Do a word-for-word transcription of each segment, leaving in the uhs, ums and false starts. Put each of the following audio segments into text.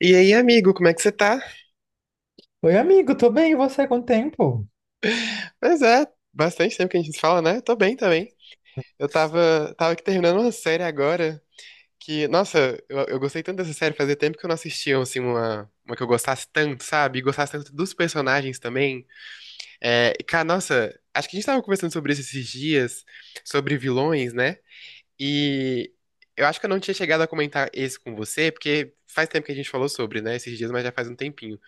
E aí, amigo, como é que você tá? Oi, amigo, tô bem, e você com o tempo? Pois é, bastante tempo que a gente se fala, né? Tô bem também. Eu tava, tava aqui terminando uma série agora que, nossa, eu, eu gostei tanto dessa série, fazia tempo que eu não assistia, assim, uma, uma que eu gostasse tanto, sabe? E gostasse tanto dos personagens também. É, e, cara, nossa, acho que a gente tava conversando sobre isso esses dias, sobre vilões, né? E eu acho que eu não tinha chegado a comentar esse com você, porque faz tempo que a gente falou sobre, né? Esses dias, mas já faz um tempinho.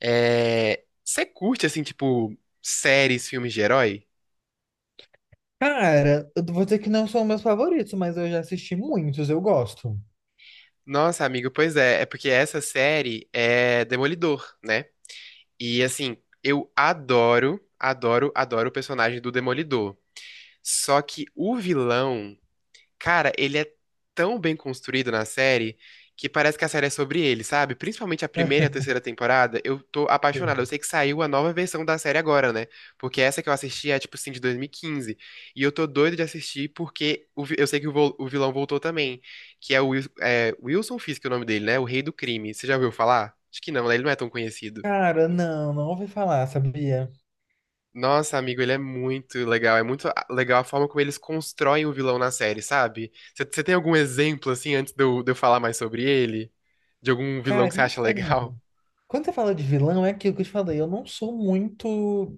É, você curte, assim, tipo, séries, filmes de herói? Cara, eu vou dizer que não são meus favoritos, mas eu já assisti muitos, eu gosto. Nossa, amigo, pois é. É porque essa série é Demolidor, né? E, assim, eu adoro, adoro, adoro o personagem do Demolidor. Só que o vilão, cara, ele é tão bem construído na série que parece que a série é sobre ele, sabe? Principalmente a primeira e a terceira temporada, eu tô Sim. apaixonado. Eu sei que saiu a nova versão da série agora, né? Porque essa que eu assisti é, tipo assim, de dois mil e quinze. E quinze. E eu tô doido de assistir porque o vi- eu sei que o, vo- o vilão voltou também, que é o Wil- é, Wilson Fisk, é o nome dele, né? O Rei do Crime. Você já ouviu falar? Acho que não, né? Ele não é tão conhecido. Cara, não, não ouvi falar, sabia? Nossa, amigo, ele é muito legal. É muito a- legal a forma como eles constroem o vilão na série, sabe? Você tem algum exemplo, assim, antes de eu, de eu falar mais sobre ele? De algum vilão Cara, que você acha então, legal? quando você fala de vilão, é aquilo que eu te falei, eu não sou muito.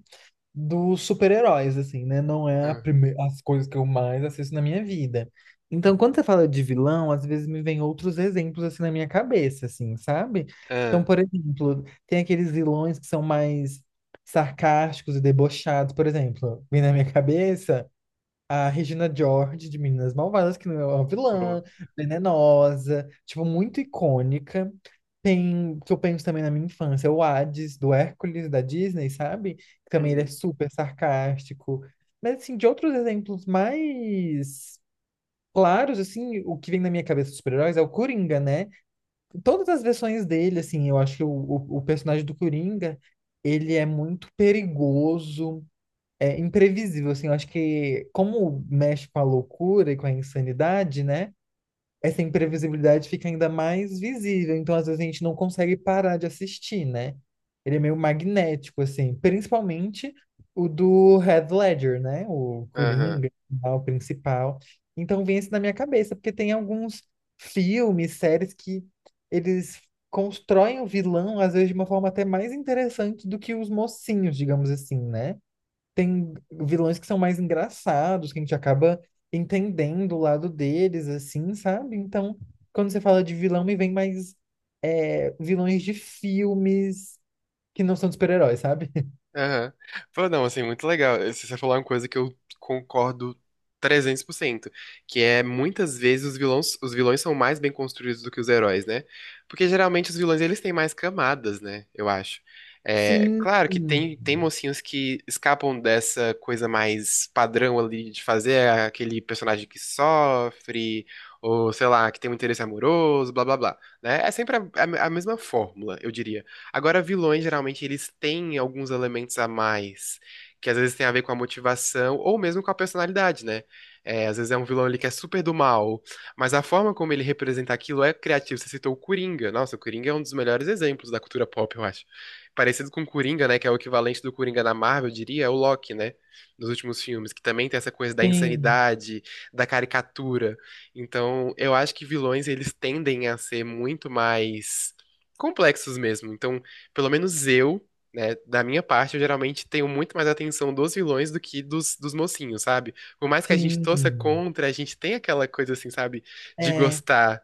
Dos super-heróis, assim, né? Não é a Ah, prime- as coisas que eu mais assisto na minha vida. Então, quando você fala de vilão, às vezes me vem outros exemplos, assim, na minha cabeça, assim, sabe? Então, ah, por exemplo, tem aqueles vilões que são mais sarcásticos e debochados, por exemplo, vem na minha cabeça a Regina George de Meninas Malvadas, que não é uma boa. vilã, venenosa, tipo, muito icônica. Tem, que eu penso também na minha infância, o Hades, do Hércules, da Disney, sabe? Que também ele é Uhum. super sarcástico. Mas, assim, de outros exemplos mais claros, assim, o que vem na minha cabeça dos super-heróis é o Coringa, né? Todas as versões dele, assim, eu acho que o, o, o personagem do Coringa, ele é muito perigoso, é imprevisível, assim, eu acho que como mexe com a loucura e com a insanidade, né? Essa imprevisibilidade fica ainda mais visível, então às vezes a gente não consegue parar de assistir, né? Ele é meio magnético, assim, principalmente o do Heath Ledger, né? O Aham. Coringa, né, o principal. Então vem isso na minha cabeça, porque tem alguns filmes, séries que eles constroem o vilão, às vezes, de uma forma até mais interessante do que os mocinhos, digamos assim, né? Tem vilões que são mais engraçados, que a gente acaba entendendo o lado deles, assim, sabe? Então, quando você fala de vilão, me vem mais é, vilões de filmes que não são de super-heróis, sabe? Aham. Pô, não, assim, muito legal. Você você falou uma coisa que eu concordo trezentos por cento, que é muitas vezes os vilões, os vilões são mais bem construídos do que os heróis, né? Porque geralmente os vilões eles têm mais camadas, né? Eu acho. É, Sim, claro que tem, tem mocinhos que escapam dessa coisa mais padrão ali de fazer aquele personagem que sofre, ou sei lá, que tem um interesse amoroso, blá blá blá, né? É sempre a, a a mesma fórmula, eu diria. Agora, vilões, geralmente, eles têm alguns elementos a mais, que às vezes tem a ver com a motivação ou mesmo com a personalidade, né? É, às vezes é um vilão ali que é super do mal, mas a forma como ele representa aquilo é criativo. Você citou o Coringa. Nossa, o Coringa é um dos melhores exemplos da cultura pop, eu acho. Parecido com o Coringa, né? Que é o equivalente do Coringa na Marvel, eu diria, é o Loki, né? Dos últimos filmes, que também tem essa coisa da sim, insanidade, da caricatura. Então, eu acho que vilões, eles tendem a ser muito mais complexos mesmo. Então, pelo menos eu, né, da minha parte, eu geralmente tenho muito mais atenção dos vilões do que dos, dos mocinhos, sabe? Por mais que a gente torça sim. contra, a gente tem aquela coisa assim, sabe? De É. gostar.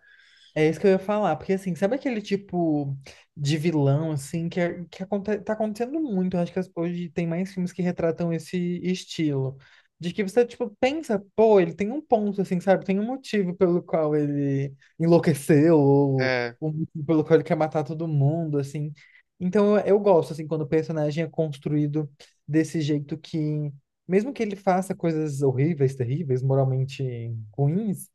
É isso que eu ia falar, porque assim, sabe aquele tipo de vilão, assim, que, é- que aconte- tá acontecendo muito, eu acho que as- hoje tem mais filmes que retratam esse estilo, de que você, tipo, pensa, pô, ele tem um ponto, assim, sabe, tem um motivo pelo qual ele enlouqueceu, ou É, um motivo pelo qual ele quer matar todo mundo, assim, então eu, eu gosto, assim, quando o personagem é construído desse jeito que, mesmo que ele faça coisas horríveis, terríveis, moralmente ruins,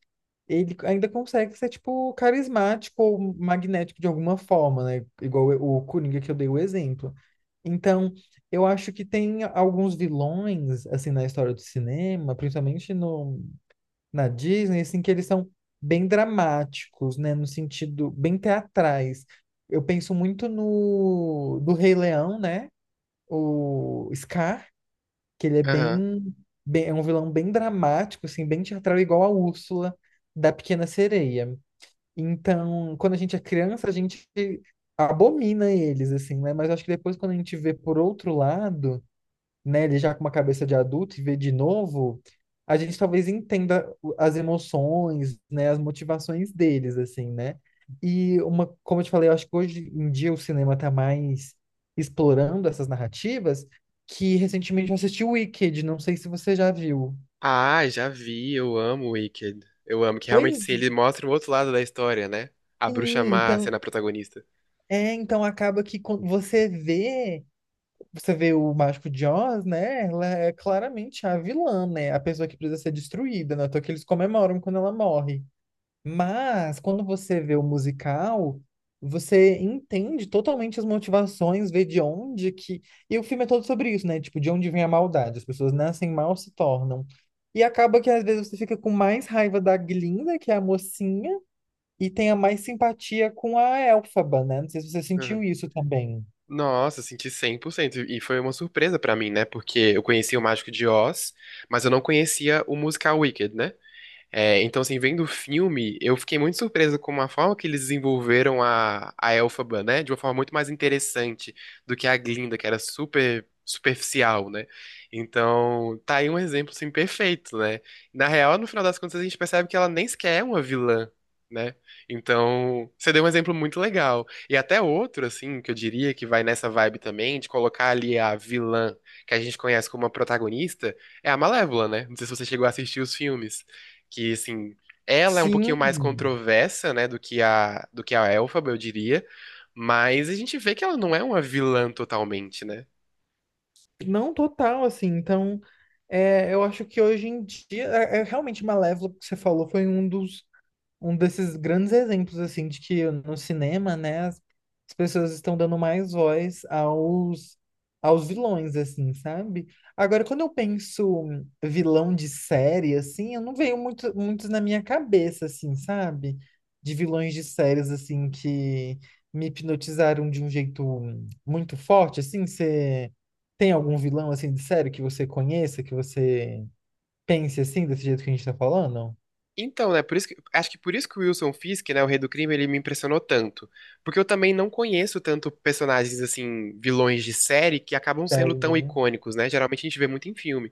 ele ainda consegue ser, tipo, carismático ou magnético de alguma forma, né? Igual o Coringa que eu dei o exemplo. Então, eu acho que tem alguns vilões, assim, na história do cinema, principalmente no, na Disney, assim, que eles são bem dramáticos, né? No sentido, bem teatrais. Eu penso muito no do Rei Leão, né? O Scar, que ele é aham. bem, bem, é um vilão bem dramático, assim, bem teatral, igual a Úrsula da Pequena Sereia. Então, quando a gente é criança, a gente abomina eles, assim, né? Mas acho que depois, quando a gente vê por outro lado, né, ele já com uma cabeça de adulto e vê de novo, a gente talvez entenda o- as emoções, né, as motivações deles, assim, né? E uma, como eu te falei, eu acho que hoje em dia o cinema tá mais explorando essas narrativas, que recentemente eu assisti Wicked, não sei se você já viu. Ah, já vi, eu amo o Wicked. Eu amo, que realmente Pois sim, ele mostra o outro lado da história, né? A bruxa sim, má sendo então, a protagonista. é, então acaba que quando você vê. Você vê o Mágico de Oz, né? Ela é claramente a vilã, né? A pessoa que precisa ser destruída, né? Então que eles comemoram quando ela morre. Mas quando você vê o musical, você entende totalmente as motivações, vê de onde que. E o filme é todo sobre isso, né? Tipo, de onde vem a maldade. As pessoas nascem mal, se tornam. E acaba que às vezes você fica com mais raiva da Glinda, que é a mocinha, e tenha mais simpatia com a Elphaba, né? Não sei se você Aham. sentiu isso também. Nossa, eu senti cem por cento. E foi uma surpresa pra mim, né? Porque eu conhecia o Mágico de Oz, mas eu não conhecia o musical Wicked, né? É, então, assim, vendo o filme, eu fiquei muito surpreso com a forma que eles desenvolveram a, a Elphaba, né? De uma forma muito mais interessante do que a Glinda, que era super superficial, né? Então, tá aí um exemplo, assim, perfeito, né? Na real, no final das contas, a gente percebe que ela nem sequer é uma vilã, né? Então, você deu um exemplo muito legal. E até outro, assim, que eu diria que vai nessa vibe também, de colocar ali a vilã que a gente conhece como a protagonista, é a Malévola, né? Não sei se você chegou a assistir os filmes que, assim, ela é um pouquinho Sim. mais controversa, né, do que a do que a Elphaba, eu diria, mas a gente vê que ela não é uma vilã totalmente, né? Não total, assim. Então, é, eu acho que hoje em dia, é, é realmente Malévola, que você falou, foi um dos um desses grandes exemplos, assim, de que no cinema, né, as, as pessoas estão dando mais voz aos, aos vilões, assim, sabe? Agora, quando eu penso hum, vilão de série, assim, eu não vejo muito, muitos na minha cabeça, assim, sabe? De vilões de séries, assim, que me hipnotizaram de um jeito hum, muito forte, assim, você tem algum vilão, assim, de série que você conheça, que você pense, assim, desse jeito que a gente tá falando? Então, né, por isso que, acho que por isso que o Wilson Fisk, né, o Rei do Crime, ele me impressionou tanto. Porque eu também não conheço tanto personagens, assim, vilões de série que acabam sendo Sério, tão né? icônicos, né? Geralmente a gente vê muito em filme.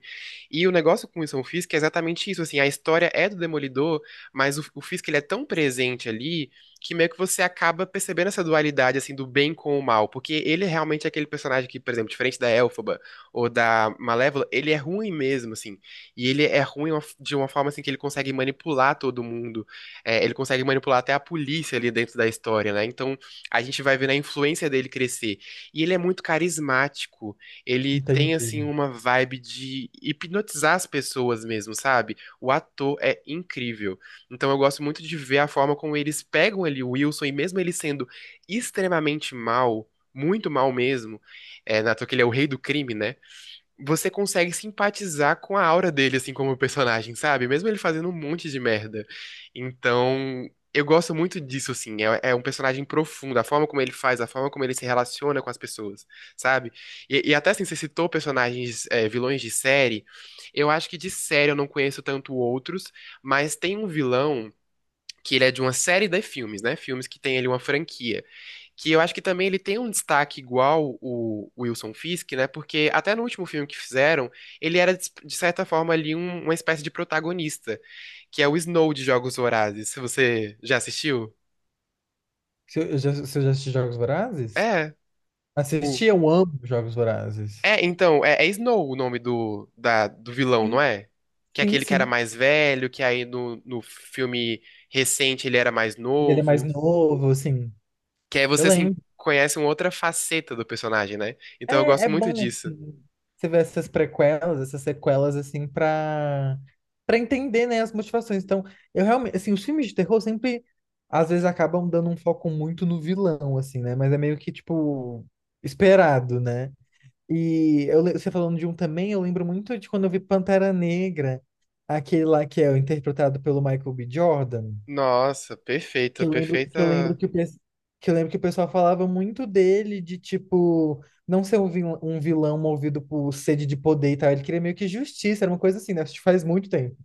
E o negócio com o Wilson Fisk é exatamente isso, assim, a história é do Demolidor, mas o, o Fisk, ele é tão presente ali que meio que você acaba percebendo essa dualidade, assim, do bem com o mal. Porque ele realmente é aquele personagem que, por exemplo, diferente da Elphaba ou da Malévola, ele é ruim mesmo, assim. E ele é ruim uma- de uma forma assim que ele consegue manipular todo mundo. É, ele consegue manipular até a polícia ali dentro da história, né? Então a gente vai vendo a influência dele crescer. E ele é muito carismático. Ele tem Entendi. assim uma vibe de hipnotizar as pessoas mesmo, sabe? O ator é incrível. Então eu gosto muito de ver a forma como eles pegam ali o Wilson e mesmo ele sendo extremamente mal, muito mal mesmo, é, na toa que ele é o rei do crime, né? Você consegue simpatizar com a aura dele, assim, como personagem, sabe? Mesmo ele fazendo um monte de merda. Então, eu gosto muito disso, assim. É, é um personagem profundo, a forma como ele faz, a forma como ele se relaciona com as pessoas, sabe? E, e até assim, você citou personagens, é, vilões de série. Eu acho que de série eu não conheço tanto outros, mas tem um vilão que ele é de uma série de filmes, né? Filmes que tem ali uma franquia. Que eu acho que também ele tem um destaque igual o o Wilson Fisk, né? Porque até no último filme que fizeram, ele era, de de certa forma, ali um- uma espécie de protagonista, que é o Snow de Jogos Vorazes. Se você já assistiu? Se eu- já- Você já assistiu Jogos Vorazes? É, o. Assisti, eu amo Jogos Vorazes. É, então, é, é Snow o nome do, da- do vilão, não Sim, é? Que é sim, aquele que era sim. mais velho, que aí no, no filme recente ele era mais Ele é mais novo. novo, assim. Que aí Eu você, assim, lembro. conhece uma outra faceta do personagem, né? Então eu É, gosto é muito bom, disso. assim, você ver essas prequelas, essas sequelas, assim, pra, pra entender, né, as motivações. Então, eu realmente, assim, os filmes de terror sempre, às vezes, acabam dando um foco muito no vilão, assim, né? Mas é meio que, tipo, esperado, né? E eu le- você falando de um também, eu lembro muito de quando eu vi Pantera Negra, aquele lá que é interpretado pelo Michael B. Jordan, Nossa, que perfeita, eu lembro que eu lembro perfeita. que o, pes- que eu lembro que o pessoal falava muito dele de tipo não ser um vil- um vilão movido por sede de poder e tal, ele queria meio que justiça, era uma coisa assim, né? Isso faz muito tempo.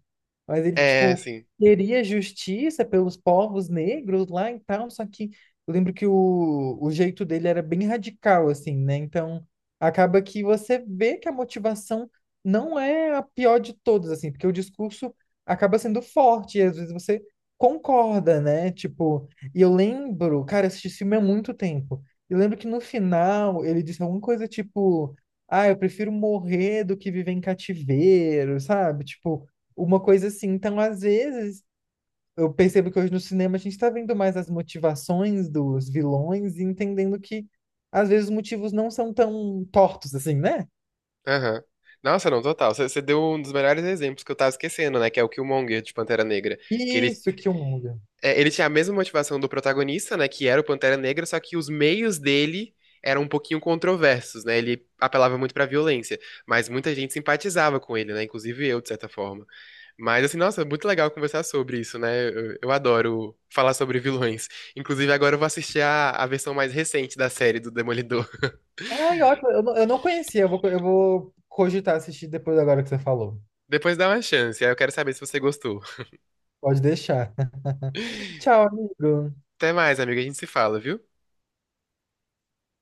Mas ele, É, tipo, assim. queria justiça pelos povos negros lá e tal, só que eu lembro que o, o jeito dele era bem radical, assim, né? Então, acaba que você vê que a motivação não é a pior de todas, assim, porque o discurso acaba sendo forte e às vezes você concorda, né? Tipo, e eu lembro, cara, eu assisti esse filme há muito tempo. Eu lembro que no final ele disse alguma coisa tipo, ah, eu prefiro morrer do que viver em cativeiro, sabe? Tipo, uma coisa assim. Então, às vezes, eu percebo que hoje no cinema a gente está vendo mais as motivações dos vilões e entendendo que, às vezes, os motivos não são tão tortos assim, né? Aham. Nossa, não, total. Você você deu um dos melhores exemplos que eu tava esquecendo, né? Que é o Killmonger de Pantera Negra. Que ele, Isso, Killmonger. é, ele tinha a mesma motivação do protagonista, né? Que era o Pantera Negra, só que os meios dele eram um pouquinho controversos, né? Ele apelava muito pra violência. Mas muita gente simpatizava com ele, né? Inclusive eu, de certa forma. Mas assim, nossa, é muito legal conversar sobre isso, né? Eu, eu adoro falar sobre vilões. Inclusive, agora eu vou assistir a, a versão mais recente da série do Demolidor. Ai, ótimo. Eu, não- eu não conhecia. Eu vou, eu vou cogitar assistir depois agora que você falou. Depois dá uma chance, aí eu quero saber se você gostou. Pode deixar. Tchau, amigo. Até mais, amiga, a gente se fala, viu?